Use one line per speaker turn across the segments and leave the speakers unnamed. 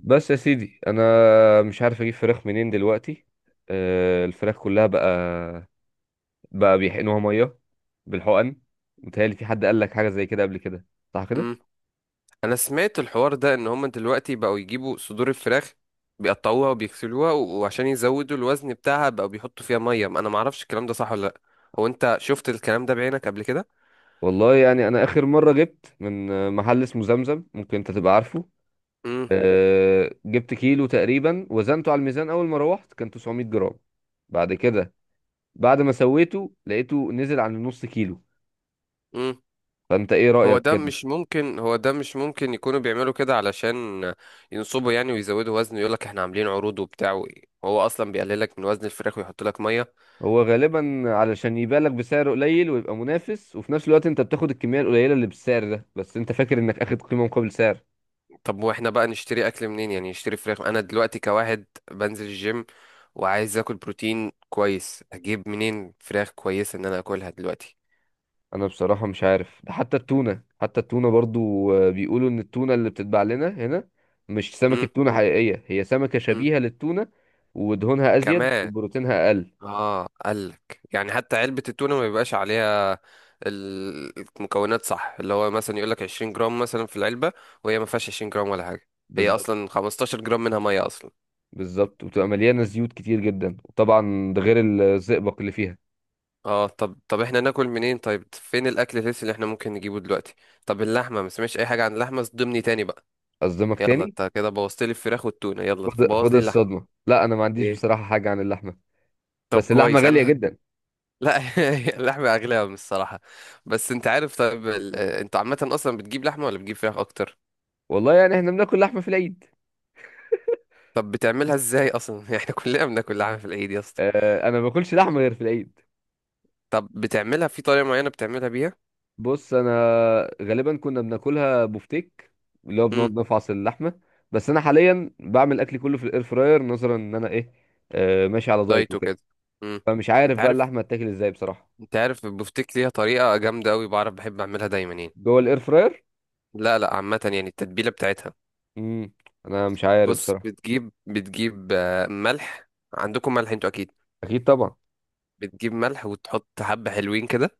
بس يا سيدي انا مش عارف اجيب فراخ منين دلوقتي. الفراخ كلها بقى بيحقنوها ميه بالحقن. متهيألي في حد قال لك حاجه زي كده قبل كده، صح كده؟
مم. انا سمعت الحوار ده ان هم دلوقتي بقوا يجيبوا صدور الفراخ، بيقطعوها وبيغسلوها و- وعشان يزودوا الوزن بتاعها بقوا بيحطوا فيها ميه. انا ما اعرفش الكلام ده صح ولا لا. هو انت شفت الكلام ده بعينك قبل كده؟
والله يعني انا اخر مره جبت من محل اسمه زمزم، ممكن انت تبقى عارفه.
امم.
جبت كيلو تقريبا وزنته على الميزان، اول ما روحت كان 900 جرام. بعد كده بعد ما سويته لقيته نزل عن النص كيلو.
امم.
فانت ايه
هو
رأيك
ده
كده؟
مش ممكن، هو ده مش ممكن يكونوا بيعملوا كده علشان ينصبوا يعني ويزودوا وزن، يقول لك احنا عاملين عروض وبتاع هو اصلا بيقللك من وزن الفراخ ويحط لك ميه.
هو غالبا علشان يبيعلك بسعر قليل ويبقى منافس، وفي نفس الوقت انت بتاخد الكميه القليله اللي بالسعر ده، بس انت فاكر انك اخد قيمه مقابل سعر.
طب واحنا بقى نشتري اكل منين؟ يعني نشتري فراخ، انا دلوقتي كواحد بنزل الجيم وعايز اكل بروتين كويس، اجيب منين فراخ كويسة ان انا اكلها دلوقتي؟
انا بصراحه مش عارف. ده حتى التونه برضو بيقولوا ان التونه اللي بتتباع لنا هنا مش سمكه
امم.
تونه حقيقيه، هي سمكه
امم.
شبيهه للتونه. ودهونها ازيد
كمان.
وبروتينها اقل.
اه قالك يعني حتى علبة التونة ما بيبقاش عليها المكونات، صح؟ اللي هو مثلا يقولك 20 جرام مثلا في العلبة وهي ما فيهاش 20 جرام ولا حاجة. هي
بالظبط.
اصلا 15 جرام منها مية اصلا.
بالظبط، وبتبقى مليانه زيوت كتير جدا، وطبعا ده غير الزئبق اللي فيها.
اه طب طب احنا ناكل منين؟ طيب فين الاكل الهيلثي اللي احنا ممكن نجيبه دلوقتي؟ طب اللحمة ما سمعتش اي حاجة عن اللحمة، صدمني تاني بقى.
اصدمك
يلا
تاني.
انت كده بوظت لي الفراخ والتونه، يلا
خد
بوظ
خد
لي اللحمه.
الصدمه، لا انا ما عنديش
ايه؟
بصراحه حاجه عن اللحمه.
طب
بس اللحمه
كويس
غاليه
انا.
جدا.
لا. اللحمه اغلى من الصراحه. بس انت عارف، طيب انت عامه اصلا بتجيب لحمه ولا بتجيب فراخ اكتر؟
والله يعني احنا بناكل لحمه في العيد.
طب بتعملها ازاي اصلا؟ احنا كلنا بناكل لحمه في العيد يا اسطى.
انا ما باكلش لحمه غير في العيد.
طب بتعملها في طريقه معينه بتعملها بيها؟
بص انا غالبا كنا بناكلها بفتيك، اللي هو بنقعد
امم.
نفعص اللحمه. بس انا حاليا بعمل اكلي كله في الاير فراير، نظرا ان انا ايه، ماشي على دايت
دايت
وكده.
وكده. امم.
فمش عارف
انت
بقى
عارف
اللحمه هتاكل ازاي بصراحه.
انت عارف البفتيك ليها طريقه جامده قوي، بعرف بحب اعملها دايما يعني.
جوه الاير فراير.
لا لا، عامه يعني التتبيله بتاعتها.
امم. انا مش عارف
بص،
بصراحه.
بتجيب بتجيب آه، ملح، عندكم ملح انتوا اكيد.
اكيد طبعا.
بتجيب ملح وتحط حبة حلوين كده.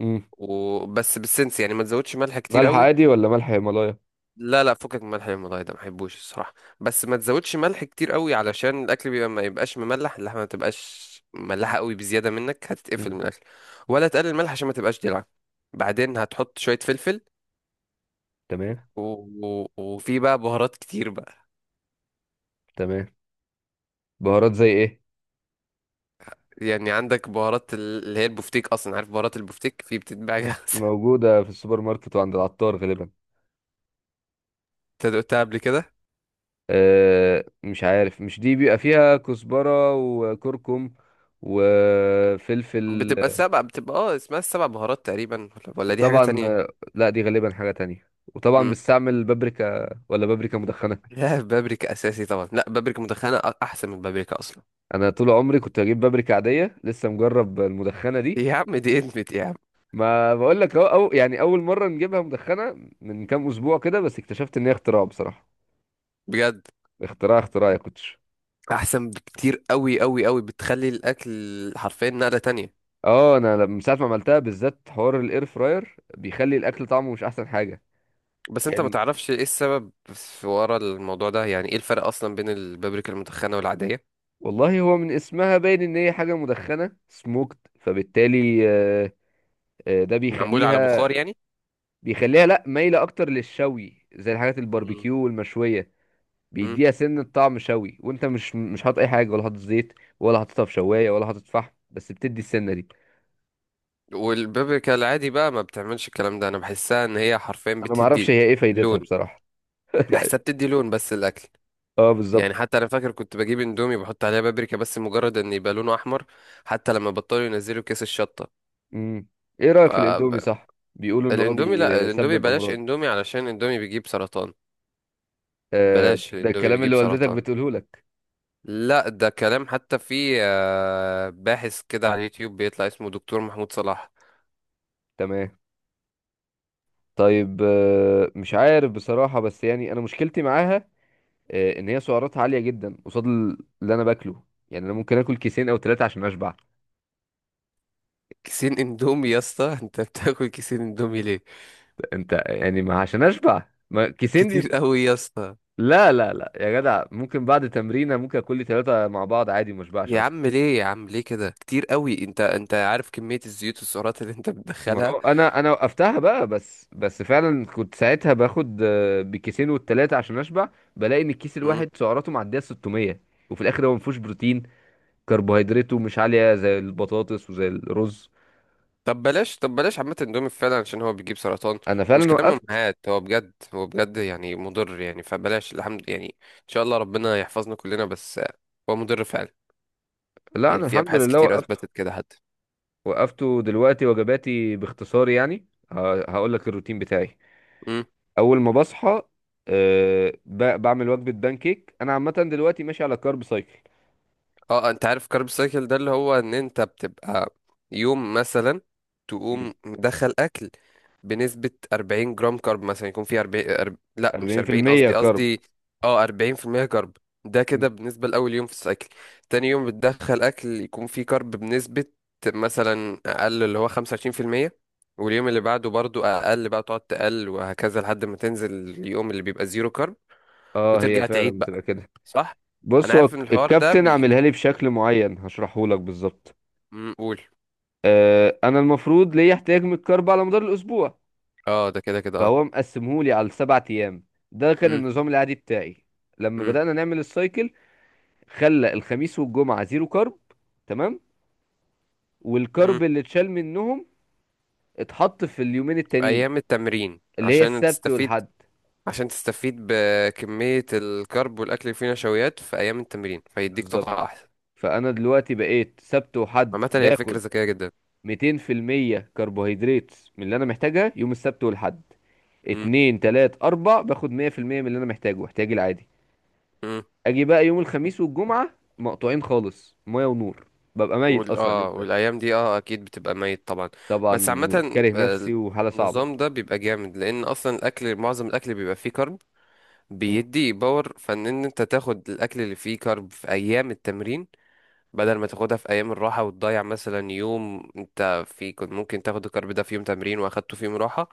امم.
وبس، بالسنس يعني، ما تزودش ملح كتير
ملح
قوي.
عادي ولا ملح هيمالايا؟
لا لا، فكك من الملح المضايق ده، ما بحبوش الصراحة. بس ما تزودش ملح كتير قوي علشان الاكل بيبقى، ما يبقاش مملح، اللحمة ما تبقاش مملحة قوي بزيادة منك، هتتقفل
امم.
من الاكل. ولا تقلل الملح عشان ما تبقاش دلع. بعدين هتحط شوية فلفل.
تمام.
و... و... وفي بقى بهارات كتير بقى.
تمام. بهارات زي ايه؟
يعني عندك بهارات اللي هي البفتيك، اصلا عارف بهارات البفتيك في بتتباع جاهزة.
موجوده في السوبر ماركت وعند العطار غالبا.
انت دقتها قبل كده؟
مش عارف، مش دي بيبقى فيها كزبرة وكركم وفلفل؟
بتبقى سبع بتبقى اه اسمها السبع بهارات تقريبا، ولا دي حاجة
وطبعا
تانية؟
لا دي غالبا حاجة تانية، وطبعا
مم.
بستعمل بابريكا، ولا بابريكا مدخنة؟
لا بابريكا أساسي طبعا، لا بابريكا مدخنة أحسن من بابريكا أصلا.
انا طول عمري كنت بجيب بابريكا عادية، لسه مجرب المدخنة دي.
يا عم دي ادمت يا عم.
ما بقول لك اهو. أو يعني اول مرة نجيبها مدخنة من كام اسبوع كده، بس اكتشفت ان هي اختراع بصراحة.
بجد؟
اختراع اختراع يا كوتش.
أحسن بكتير، أوي أوي أوي، بتخلي الأكل حرفيا نقلة تانية.
اه انا من ساعة ما عملتها بالذات حوار الاير فراير بيخلي الاكل طعمه مش احسن حاجة.
بس أنت ما
كان
تعرفش إيه السبب في ورا الموضوع ده؟ يعني إيه الفرق أصلا بين البابريكا المدخنة والعادية؟
والله هو من اسمها باين ان هي حاجه مدخنه سموكت، فبالتالي ده
معمولة على
بيخليها
بخار يعني؟
بيخليها لا، مايله اكتر للشوي، زي الحاجات
مم.
الباربيكيو والمشويه.
مم.
بيديها سن طعم شوي، وانت مش حاطط اي حاجه، ولا حاطط زيت، ولا حاططها في شوايه، ولا حاطط فحم، بس بتدي السنه دي.
والبابريكا العادي بقى ما بتعملش الكلام ده، أنا بحسها إن هي حرفيا
انا ما اعرفش
بتدي
هي ايه فايدتها
لون.
بصراحه.
بحسها بتدي لون بس الأكل.
اه
يعني
بالظبط.
حتى انا فاكر كنت بجيب اندومي بحط عليها بابريكا بس مجرد ان يبقى لونه احمر، حتى لما بطلوا ينزلوا كيس الشطه.
امم. ايه رايك في الاندومي،
فالاندومي،
صح؟ بيقولوا
لا
ان هو
الاندومي
بيسبب
بلاش
امراض.
اندومي علشان الاندومي بيجيب سرطان.
آه،
بلاش
ده
الاندومي
الكلام
بيجيب
اللي والدتك
سرطان.
بتقوله لك.
لا ده كلام، حتى في باحث كده على اليوتيوب بيطلع اسمه دكتور محمود صلاح.
تمام. طيب مش عارف بصراحة، بس يعني أنا مشكلتي معاها، إن هي سعراتها عالية جدا قصاد اللي أنا باكله. يعني أنا ممكن آكل كيسين أو ثلاثة عشان أشبع.
كيسين اندومي يا اسطى؟ انت بتاكل كيسين اندومي ليه؟
أنت يعني ما عشان أشبع ما كيسين
كتير قوي يا اسطى.
لا لا لا يا جدع، ممكن بعد تمرينة ممكن آكل لي ثلاثة مع بعض عادي، ما أشبعش
يا
أصلا.
عم ليه، يا عم ليه كده؟ كتير قوي. انت عارف كمية الزيوت والسعرات اللي انت
ما
بتدخلها؟
هو أنا وقفتها بقى، بس فعلا كنت ساعتها باخد بكيسين والتلاتة عشان أشبع. بلاقي إن الكيس الواحد سعراته معدية 600، وفي الآخر هو ما فيهوش بروتين، كربوهيدراته مش عالية زي البطاطس وزي الرز.
طب بلاش، طب بلاش عامة اندومي فعلا عشان هو بيجيب سرطان.
أنا
ومش
فعلا
كلام
وقفت.
امهات، هو بجد، هو بجد يعني مضر يعني، فبلاش. الحمد يعني، ان شاء الله ربنا يحفظنا كلنا، بس هو مضر فعلا.
لا
يعني
أنا
في
الحمد
ابحاث
لله
كتير
وقفته.
اثبتت كده حتى.
وقفته دلوقتي، وجباتي باختصار يعني هقول لك الروتين بتاعي. أول ما بصحى أه بعمل وجبة بانكيك. أنا عامة دلوقتي ماشي على كارب سايكل.
اه انت عارف كارب سايكل ده، اللي هو ان انت بتبقى يوم مثلا
مم.
تقوم مدخل اكل بنسبة 40 جرام كارب، مثلا يكون فيه 40 لا، مش 40،
40%
قصدي
كارب.
قصدي اه 40% كارب. ده كده
مم.
بالنسبة لأول يوم في السايكل. تاني يوم بتدخل اكل يكون فيه كارب بنسبة مثلا اقل، اللي هو 25%. واليوم اللي بعده برضو اقل، بقى تقعد تقل وهكذا لحد ما تنزل اليوم اللي بيبقى زيرو كارب.
اه هي
وترجع تعيد
فعلا
بقى.
بتبقى كده.
صح. انا
بص هو
عارف ان الحوار ده
الكابتن عاملها لي بشكل معين هشرحه لك بالظبط.
امم، قول.
أه أنا المفروض ليا احتياج من الكارب على مدار الأسبوع،
اه ده كده كده، اه.
فهو مقسمهولي على السبع ايام. ده كان
امم.
النظام العادي بتاعي. لما
امم.
بدأنا نعمل السايكل خلى الخميس والجمعة زيرو كارب. تمام.
امم.
والكارب اللي اتشال منهم اتحط في اليومين التانيين
ايام التمرين
اللي هي
عشان
السبت
تستفيد.
والحد.
عشان تستفيد بكمية الكرب والاكل اللي فيه نشويات في ايام التمرين، فيديك طاقة
بالظبط.
احسن.
فانا دلوقتي بقيت سبت وحد
عامة هي فكرة
باخد
ذكية جدا.
200% كربوهيدرات من اللي انا محتاجها يوم السبت والحد.
امم.
اتنين تلات اربع باخد 100% من اللي انا محتاجه احتياجي العادي.
امم.
اجي بقى يوم الخميس والجمعه مقطوعين خالص، ميه ونور. ببقى ميت
وال
اصلا
اه
اليوم ده.
والايام دي، اه اكيد بتبقى ميت طبعا. بس
طبعا
عامة
كاره
آه،
نفسي وحاله صعبه.
النظام ده بيبقى جامد لان اصلا الاكل، معظم الاكل بيبقى فيه كرب.
مم.
بيدي باور، فان انت تاخد الاكل اللي فيه كرب في ايام التمرين بدل ما تاخدها في ايام الراحه وتضيع. مثلا يوم انت في كنت ممكن تاخد الكارب ده في يوم تمرين، واخدته في يوم راحه،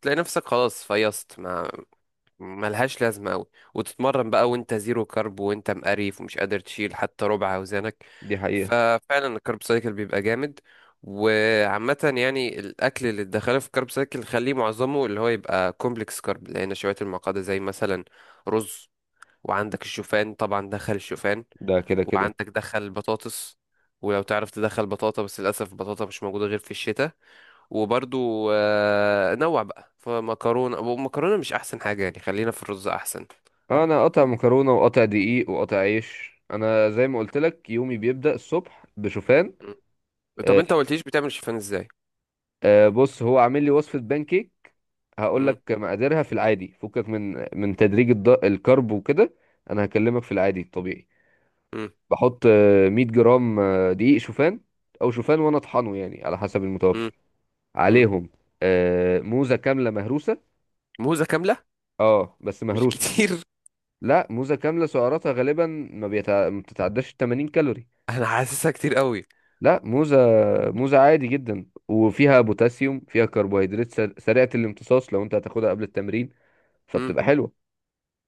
تلاقي نفسك خلاص فيصت، ما ملهاش لازمه قوي. وتتمرن بقى وانت زيرو كارب، وانت مقريف ومش قادر تشيل حتى ربع اوزانك.
دي حقيقه.
ففعلا الكارب سايكل بيبقى جامد. وعامة يعني الأكل اللي تدخله في الكارب سايكل، خليه معظمه اللي هو يبقى كومبلكس كارب، لأن نشويات المعقدة زي مثلا رز. وعندك الشوفان طبعا، دخل الشوفان.
ده كده كده.
وعندك دخل بطاطس. ولو تعرف تدخل بطاطا، بس للأسف البطاطا مش موجودة غير في الشتاء. وبرضو نوع بقى فمكرونة، ومكرونة مش أحسن حاجة يعني، خلينا في الرز أحسن.
انا قاطع مكرونه وقاطع دقيق وقاطع عيش. انا زي ما قلت لك يومي بيبدا الصبح بشوفان.
م. طب
آه،
أنت ما قلتليش بتعمل شوفان إزاي؟
بص هو عامل لي وصفه بانكيك هقول
م.
لك مقاديرها في العادي، فكك من تدريج الكرب وكده. انا هكلمك في العادي الطبيعي.
م.
بحط 100 جرام دقيق شوفان او شوفان وانا اطحنه، يعني على حسب
م.
المتوفر
م.
عليهم. موزة كاملة مهروسة.
موزة كاملة؟
اه بس
مش
مهروسة.
كتير؟
لا موزة كاملة سعراتها غالبا ما بتتعداش 80 كالوري.
أنا حاسسها كتير قوي.
لا، موزة. موزة عادي جدا، وفيها بوتاسيوم، فيها كربوهيدرات سريعة الامتصاص لو انت هتاخدها قبل التمرين،
م.
فبتبقى حلوة.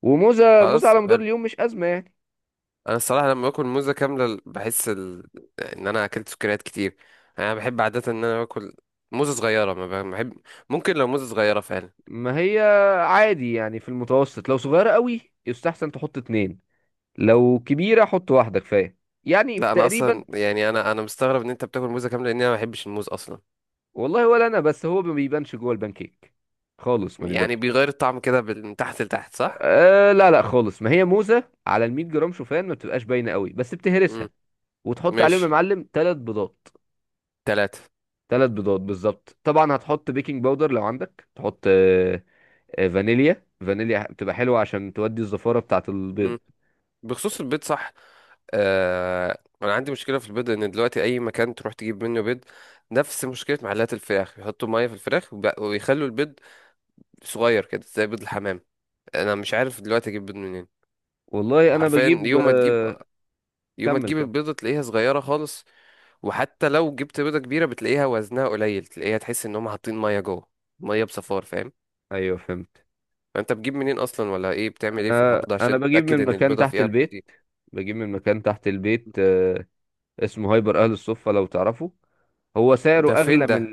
وموزة موزة
خلاص
على مدار
حلو.
اليوم مش أزمة يعني.
أنا الصراحة لما باكل موزة كاملة بحس إن أنا أكلت سكريات كتير. أنا بحب عادة إن أنا باكل موزة صغيرة، ما بحب. ممكن لو موزة صغيرة فعلا.
ما هي عادي يعني، في المتوسط لو صغيرة قوي يستحسن تحط اتنين، لو كبيرة حط واحدة كفاية. يعني في
لا انا
تقريبا.
اصلا يعني، انا مستغرب ان انت بتاكل موزه كامله، لان انا ما بحبش الموز اصلا.
والله ولا انا. بس هو ما بيبانش جوه البانكيك خالص، ما
يعني
بيبانش.
بيغير الطعم كده من تحت لتحت، صح؟
آه لا لا خالص، ما هي موزه على ال 100 جرام شوفان ما بتبقاش باينه قوي، بس بتهرسها
امم.
وتحط عليهم يا
ماشي.
معلم ثلاث بيضات.
ثلاثة.
ثلاث بيضات بالظبط. طبعا هتحط بيكنج باودر لو عندك، تحط فانيليا، فانيليا بتبقى حلوه عشان تودي الزفاره بتاعه البيض.
امم. بخصوص البيض، صح؟ آه انا عندي مشكله في البيض، ان دلوقتي اي مكان تروح تجيب منه بيض، نفس مشكله محلات الفراخ، يحطوا ميه في الفراخ وب- ويخلوا البيض صغير كده زي بيض الحمام. انا مش عارف دلوقتي اجيب بيض منين.
والله انا
حرفيا
بجيب
يوم ما تجيب
آه
يوم ما
كمل
تجيب
كمل.
البيضه تلاقيها صغيره خالص. وحتى لو جبت بيضة كبيرة بتلاقيها وزنها قليل، تلاقيها تحس ان هم حاطين مية جوه، مية بصفار، فاهم؟
ايوه فهمت.
فانت بتجيب منين اصلا، ولا ايه، بتعمل ايه في
انا
الحوار ده
انا
عشان
بجيب
تتأكد
من
ان
مكان
البيضة
تحت
فيها
البيت.
بروتين؟
بجيب من مكان تحت البيت، اسمه هايبر اهل الصفة لو تعرفه. هو
ده
سعره
فين
اغلى من
ده؟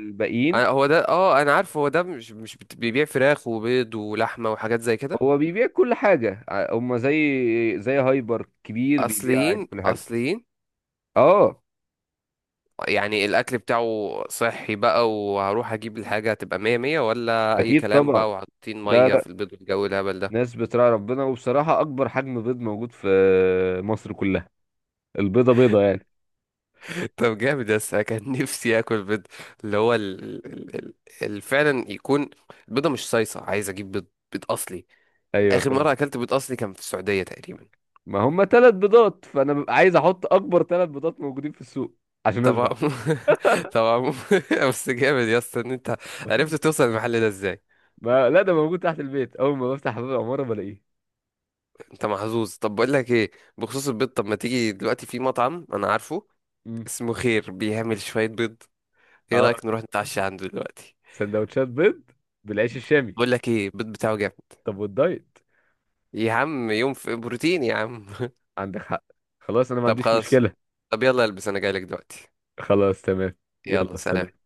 هو ده، اه انا عارف هو ده، مش مش بت- بيبيع فراخ وبيض ولحمة وحاجات زي كده؟
هو بيبيع كل حاجة. هما زي هايبر كبير، بيبيع عادي
اصليين
كل حاجة.
اصليين؟
اه
يعني الاكل بتاعه صحي بقى، وهروح اجيب الحاجة هتبقى مية مية ولا اي
اكيد
كلام
طبعا.
بقى، وحاطين
لا
مية
لا،
في البيض والجو الهبل ده؟
ناس بتراعي ربنا. وبصراحة اكبر حجم بيض موجود في مصر كلها البيضة بيضة يعني.
طب جامد، بس انا كان نفسي اكل بيض اللي هو فعلا يكون البيضه مش صيصه، عايز اجيب بيض، بيض اصلي.
ايوه
اخر
فهمت.
مره اكلت بيض اصلي كان في السعوديه تقريبا.
ما هما ثلاث بيضات، فانا ببقى عايز احط اكبر ثلاث بيضات موجودين في السوق عشان
طبعا.
اشبع.
طبعا. بس جامد يا اسطى ان انت عرفت توصل المحل ده ازاي.
ما لا ده موجود تحت البيت، اول ما بفتح باب العمارة بلاقيه.
انت محظوظ. طب بقول لك ايه، بخصوص البيض، طب ما تيجي دلوقتي، في مطعم انا عارفه
مم.
اسمه خير بيعمل شويه بيض. ايه
اه،
رايك نروح نتعشى عنده دلوقتي؟
سندوتشات بيض بالعيش الشامي.
بقول لك ايه، البيض بتاعه جامد.
طب والدايت؟
يا عم يوم في بروتين يا عم.
عندك حق. خلاص انا ما
طب
عنديش
خلاص.
مشكلة.
طب يلا البس، انا جايلك دلوقتي.
خلاص تمام.
يلا
يلا
سلام.
سلام.